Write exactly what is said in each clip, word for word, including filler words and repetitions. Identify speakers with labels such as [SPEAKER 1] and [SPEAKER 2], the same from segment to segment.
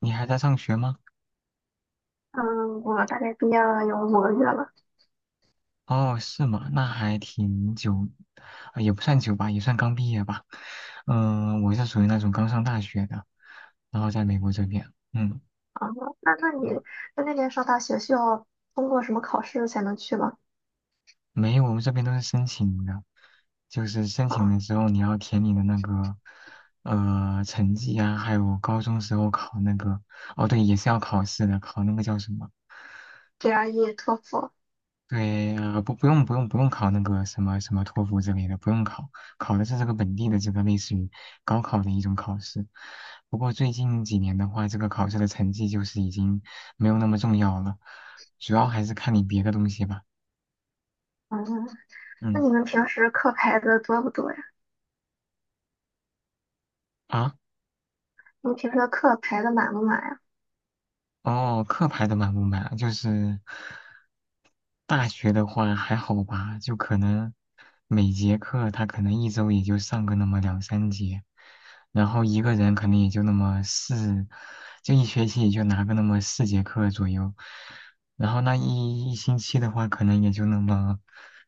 [SPEAKER 1] 你还在上学吗？
[SPEAKER 2] 嗯，我大概毕业了有五个月了。
[SPEAKER 1] 哦，是吗？那还挺久，呃也不算久吧，也算刚毕业吧。嗯、我是属于那种刚上大学的，然后在美国这边，嗯，
[SPEAKER 2] 啊，那那你在那边上大学需要通过什么考试才能去吗？
[SPEAKER 1] 没有，我们这边都是申请的，就是申请
[SPEAKER 2] 啊
[SPEAKER 1] 的时候你要填你的那个呃成绩啊，还有高中时候考那个，哦，对，也是要考试的，考那个叫什么？
[SPEAKER 2] ，G R E、托福。
[SPEAKER 1] 对，呃，不，不用，不用，不用考那个什么什么托福之类的，不用考，考的是这个本地的这个类似于高考的一种考试。不过最近几年的话，这个考试的成绩就是已经没有那么重要了，主要还是看你别的东西吧。
[SPEAKER 2] 嗯，那
[SPEAKER 1] 嗯，
[SPEAKER 2] 你们平时课排的多不多呀？
[SPEAKER 1] 啊。
[SPEAKER 2] 你们平时的课排的满不满呀？
[SPEAKER 1] 哦，课排的满不满啊？就是大学的话还好吧，就可能每节课他可能一周也就上个那么两三节，然后一个人可能也就那么四，就一学期也就拿个那么四节课左右，然后那一一星期的话，可能也就那么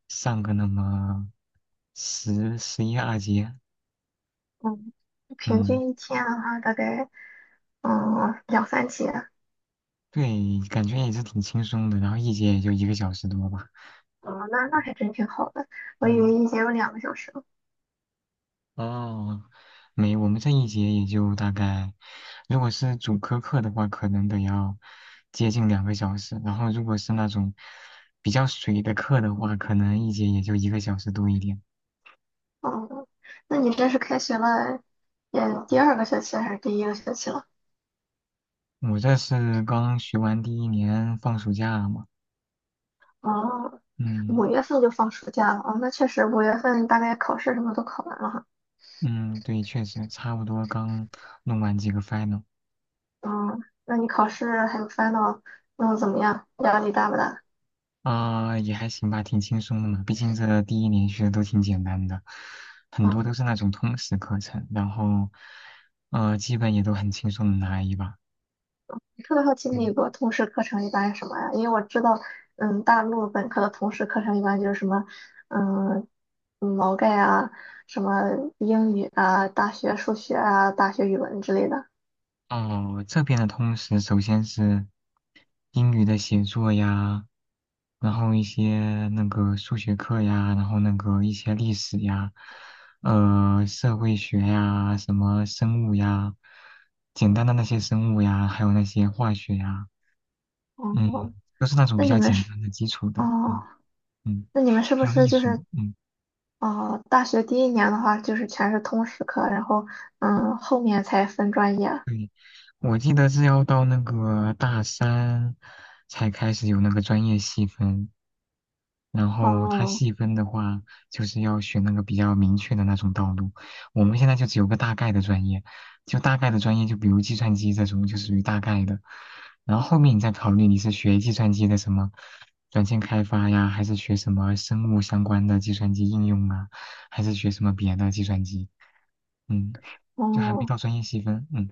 [SPEAKER 1] 上个那么十十一二节，
[SPEAKER 2] 嗯，平
[SPEAKER 1] 嗯，
[SPEAKER 2] 均一天的话，大概嗯两三节。
[SPEAKER 1] 对，感觉也是挺轻松的，然后一节也就一个小时多吧，
[SPEAKER 2] 哦，那那还真挺好的。我以为
[SPEAKER 1] 嗯。
[SPEAKER 2] 一节有两个小时呢。
[SPEAKER 1] 哦，没，我们这一节也就大概，如果是主科课的话，可能得要接近两个小时，然后如果是那种比较水的课的话，可能一节也就一个小时多一点。
[SPEAKER 2] 哦，那你这是开学了，也第二个学期还是第一个学期了？
[SPEAKER 1] 我这是刚学完第一年放暑假嘛，
[SPEAKER 2] 哦，
[SPEAKER 1] 嗯
[SPEAKER 2] 五月份就放暑假了哦，那确实五月份大概考试什么都考完了哈。
[SPEAKER 1] 嗯，对，确实差不多刚弄完几个 final。
[SPEAKER 2] 嗯，那你考试还有 final 嗯怎么样？压力大不大？
[SPEAKER 1] 啊、也还行吧，挺轻松的嘛。毕竟这第一年学的都挺简单的，很多都
[SPEAKER 2] 嗯，
[SPEAKER 1] 是那种通识课程，然后，呃，基本也都很轻松的拿一把。
[SPEAKER 2] 特别好奇美
[SPEAKER 1] 嗯，
[SPEAKER 2] 国通识课程一般是什么呀？因为我知道，嗯，大陆本科的通识课程一般就是什么，嗯，毛概啊，什么英语啊，大学数学啊，大学语文之类的。
[SPEAKER 1] 哦，这边的通识首先是英语的写作呀，然后一些那个数学课呀，然后那个一些历史呀，呃，社会学呀，什么生物呀，简单的那些生物呀，还有那些化学呀。嗯，
[SPEAKER 2] 哦，
[SPEAKER 1] 都是那种
[SPEAKER 2] 那
[SPEAKER 1] 比
[SPEAKER 2] 你
[SPEAKER 1] 较
[SPEAKER 2] 们
[SPEAKER 1] 简
[SPEAKER 2] 是
[SPEAKER 1] 单的、基础
[SPEAKER 2] 哦，
[SPEAKER 1] 的，嗯嗯，
[SPEAKER 2] 那你们是不
[SPEAKER 1] 还有
[SPEAKER 2] 是
[SPEAKER 1] 艺
[SPEAKER 2] 就
[SPEAKER 1] 术，
[SPEAKER 2] 是
[SPEAKER 1] 嗯。
[SPEAKER 2] 哦，大学第一年的话，就是全是通识课，然后嗯，后面才分专业。
[SPEAKER 1] 我记得是要到那个大三才开始有那个专业细分，然后它
[SPEAKER 2] 哦
[SPEAKER 1] 细分的话，就是要选那个比较明确的那种道路。我们现在就只有个大概的专业，就大概的专业，就比如计算机这种，就属于大概的。然后后面你再考虑你是学计算机的什么软件开发呀，还是学什么生物相关的计算机应用啊，还是学什么别的计算机？嗯，就还没
[SPEAKER 2] 哦，
[SPEAKER 1] 到专业细分。嗯。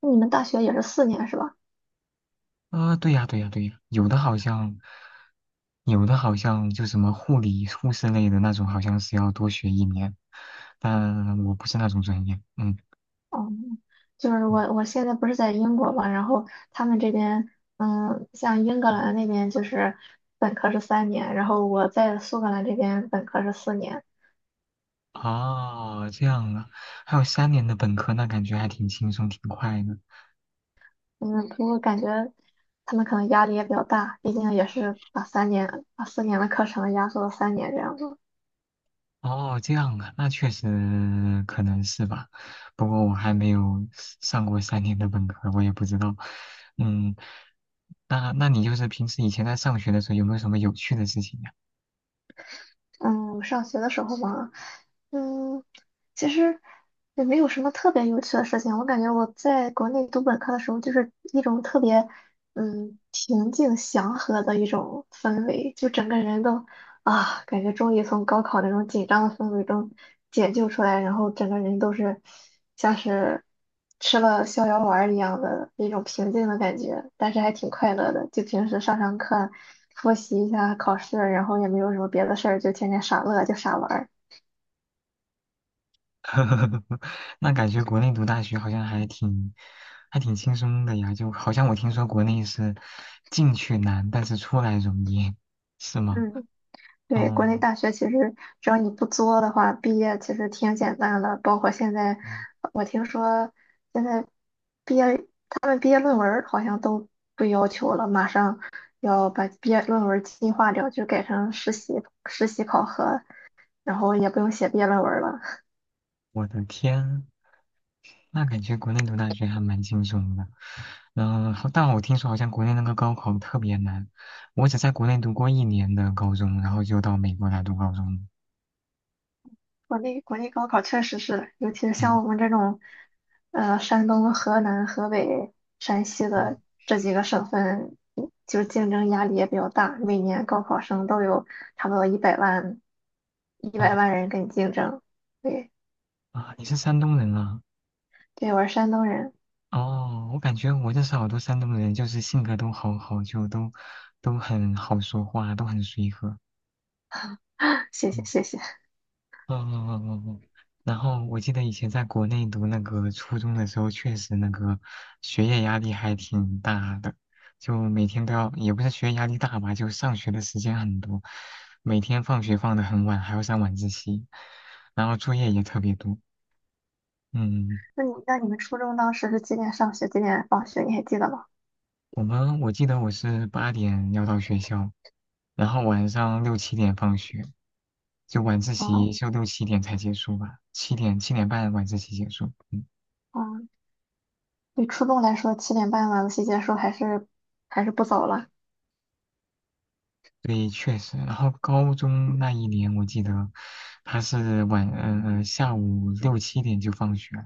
[SPEAKER 2] 那你们大学也是四年是吧？
[SPEAKER 1] 啊，对呀，对呀，对呀，有的好像，有的好像就什么护理、护士类的那种，好像是要多学一年，但我不是那种专业，嗯，
[SPEAKER 2] 哦，就是我我现在不是在英国嘛，然后他们这边嗯，像英格兰那边就是本科是三年，然后我在苏格兰这边本科是四年。
[SPEAKER 1] 哦，这样啊，还有三年的本科，那感觉还挺轻松，挺快的。
[SPEAKER 2] 嗯，不过感觉他们可能压力也比较大，毕竟也是把三年把四年的课程压缩到三年这样子。
[SPEAKER 1] 哦，这样啊，那确实可能是吧，不过我还没有上过三年的本科，我也不知道，嗯，那那你就是平时以前在上学的时候有没有什么有趣的事情呀？
[SPEAKER 2] 嗯，上学的时候嘛，嗯，其实也没有什么特别有趣的事情。我感觉我在国内读本科的时候，就是一种特别嗯平静祥和的一种氛围，就整个人都啊，感觉终于从高考那种紧张的氛围中解救出来，然后整个人都是像是吃了逍遥丸儿一样的那种平静的感觉，但是还挺快乐的。就平时上上课、复习一下考试，然后也没有什么别的事儿，就天天傻乐，就傻玩儿。
[SPEAKER 1] 呵呵呵，那感觉国内读大学好像还挺还挺轻松的呀，就好像我听说国内是进去难，但是出来容易，是吗？
[SPEAKER 2] 嗯。对，国内
[SPEAKER 1] 嗯，
[SPEAKER 2] 大学其实只要你不作的话，毕业其实挺简单的。包括现在，
[SPEAKER 1] 嗯，
[SPEAKER 2] 我听说现在毕业，他们毕业论文儿好像都不要求了，马上要把毕业论文儿进化掉，就改成实习实习考核，然后也不用写毕业论文儿了。
[SPEAKER 1] 我的天，那感觉国内读大学还蛮轻松的。然后，但我听说好像国内那个高考特别难，我只在国内读过一年的高中，然后就到美国来读高中了。
[SPEAKER 2] 国内国内高考确实是，尤其是像
[SPEAKER 1] 嗯，
[SPEAKER 2] 我们这种，呃，山东、河南、河北、山西的
[SPEAKER 1] 嗯，
[SPEAKER 2] 这几个省份，嗯就竞争压力也比较大。每年高考生都有差不多一百万，一百
[SPEAKER 1] 哦，
[SPEAKER 2] 万人跟你竞争。对，
[SPEAKER 1] 啊，你是山东人啊？
[SPEAKER 2] 对，我是山东人，
[SPEAKER 1] 哦，我感觉我认识好多山东人，就是性格都好好，就都都很好说话，都很随和。
[SPEAKER 2] 谢谢
[SPEAKER 1] 嗯，
[SPEAKER 2] 谢谢。
[SPEAKER 1] 哦哦哦哦哦，然后我记得以前在国内读那个初中的时候，确实那个学业压力还挺大的，就每天都要，也不是学业压力大吧，就上学的时间很多，每天放学放得很晚，还要上晚自习，然后作业也特别多。嗯。
[SPEAKER 2] 那你那你们初中当时是几点上学，几点放学？你还记得吗？
[SPEAKER 1] 我们我记得我是八点要到学校，然后晚上六七点放学，就晚自
[SPEAKER 2] 哦，
[SPEAKER 1] 习就六七点才结束吧，七点七点半晚自习结束。嗯，
[SPEAKER 2] 哦，对初中来说，七点半晚自习结束还是还是不早了。
[SPEAKER 1] 对，确实。然后高中那一年，我记得他是晚呃呃下午六七点就放学了，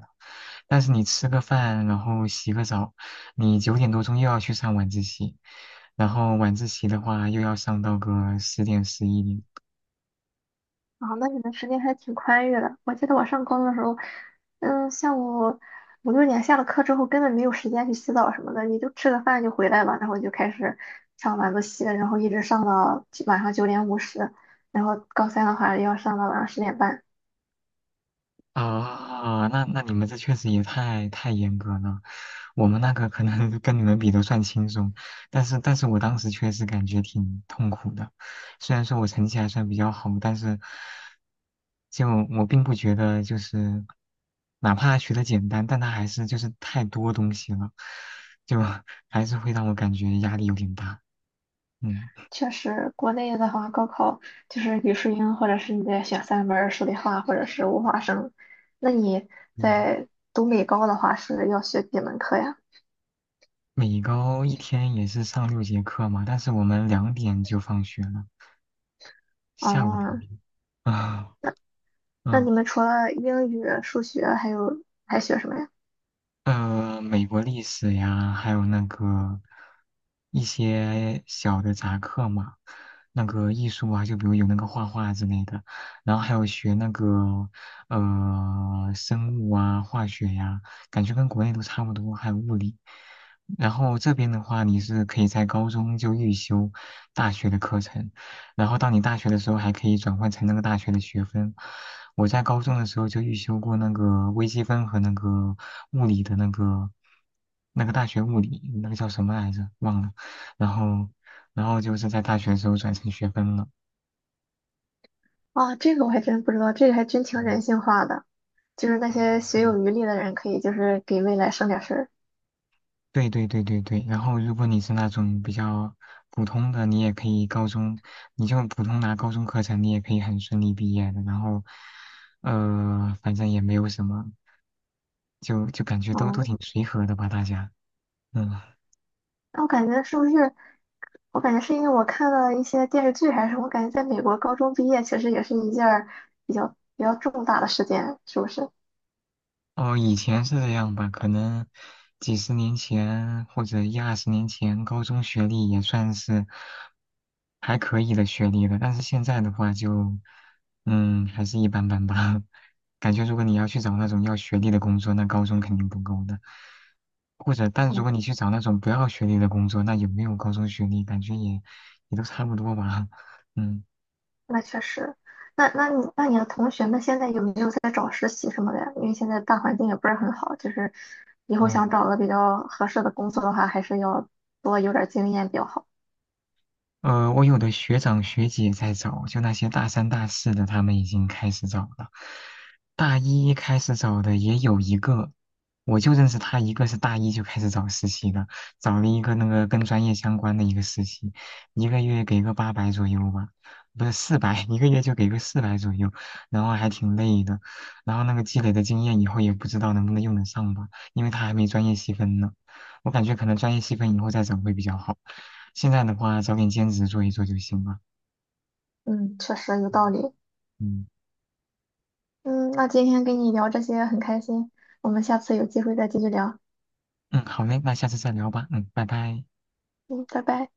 [SPEAKER 1] 但是你吃个饭，然后洗个澡，你九点多钟又要去上晚自习，然后晚自习的话又要上到个十点十一点。
[SPEAKER 2] 啊，那你们时间还挺宽裕的。我记得我上高中的时候，嗯，下午五六点下了课之后，根本没有时间去洗澡什么的，你就吃个饭就回来了，然后就开始上晚自习，然后一直上到九晚上九点五十，然后高三的话要上到晚上十点半。
[SPEAKER 1] 啊，那那你们这确实也太太严格了，我们那个可能 跟你们比都算轻松，但是但是我当时确实感觉挺痛苦的，虽然说我成绩还算比较好，但是就我并不觉得就是哪怕学的简单，但它还是就是太多东西了，就还是会让我感觉压力有点大，嗯。
[SPEAKER 2] 确实，国内的话，高考就是语数英，或者是你得选三门儿数理化，或者是物化生。那你
[SPEAKER 1] 嗯，
[SPEAKER 2] 在读美高的话，是要学几门课呀？
[SPEAKER 1] 每高一天也是上六节课嘛，但是我们两点就放学了，下午两
[SPEAKER 2] 哦，
[SPEAKER 1] 点啊，
[SPEAKER 2] 那
[SPEAKER 1] 嗯，
[SPEAKER 2] 你们除了英语、数学，还有还学什么呀？
[SPEAKER 1] 呃，美国历史呀，还有那个一些小的杂课嘛，那个艺术啊，就比如有那个画画之类的，然后还有学那个呃生物啊、化学呀，感觉跟国内都差不多，还有物理。然后这边的话，你是可以在高中就预修大学的课程。然后到你大学的时候还可以转换成那个大学的学分。我在高中的时候就预修过那个微积分和那个物理的那个那个大学物理，那个叫什么来着？忘了。然后，然后就是在大学的时候转成学分了。
[SPEAKER 2] 啊，这个我还真不知道，这个还真挺
[SPEAKER 1] 嗯，
[SPEAKER 2] 人性化的，就是那些学
[SPEAKER 1] 对。
[SPEAKER 2] 有余力的人，可以就是给未来省点事儿。
[SPEAKER 1] 对对对对对，然后如果你是那种比较普通的，你也可以高中，你就普通拿高中课程，你也可以很顺利毕业的。然后，呃，反正也没有什么，就就感觉都都
[SPEAKER 2] 嗯，
[SPEAKER 1] 挺随和的吧，大家。嗯，
[SPEAKER 2] 那我感觉是不是？我感觉是因为我看了一些电视剧还是什么，我感觉在美国高中毕业其实也是一件儿比较比较重大的事件，是不是？
[SPEAKER 1] 哦，以前是这样吧，可能几十年前或者一二十年前，高中学历也算是还可以的学历了。但是现在的话就，嗯，还是一般般吧。感觉如果你要去找那种要学历的工作，那高中肯定不够的。或者，但如
[SPEAKER 2] 嗯。
[SPEAKER 1] 果你去找那种不要学历的工作，那有没有高中学历，感觉也也都差不多吧。嗯。
[SPEAKER 2] 那确实，那那你那你的同学们现在有没有在找实习什么的呀？因为现在大环境也不是很好，就是以后
[SPEAKER 1] 嗯，
[SPEAKER 2] 想找个比较合适的工作的话，还是要多有点儿经验比较好。
[SPEAKER 1] 呃，我有的学长学姐在找，就那些大三、大四的，他们已经开始找了。大一开始找的也有一个，我就认识他一个，是大一就开始找实习的，找了一个那个跟专业相关的一个实习，一个月给个八百左右吧，不是四百，一个月就给个四百左右，然后还挺累的，然后那个积累的经验以后也不知道能不能用得上吧，因为他还没专业细分呢，我感觉可能专业细分以后再找会比较好。现在的话，找点兼职做一做就行了。
[SPEAKER 2] 嗯，确实有道
[SPEAKER 1] 嗯
[SPEAKER 2] 理。
[SPEAKER 1] 嗯
[SPEAKER 2] 嗯，那今天跟你聊这些很开心，我们下次有机会再继续聊。
[SPEAKER 1] 嗯，好嘞，那下次再聊吧。嗯，拜拜。
[SPEAKER 2] 嗯，拜拜。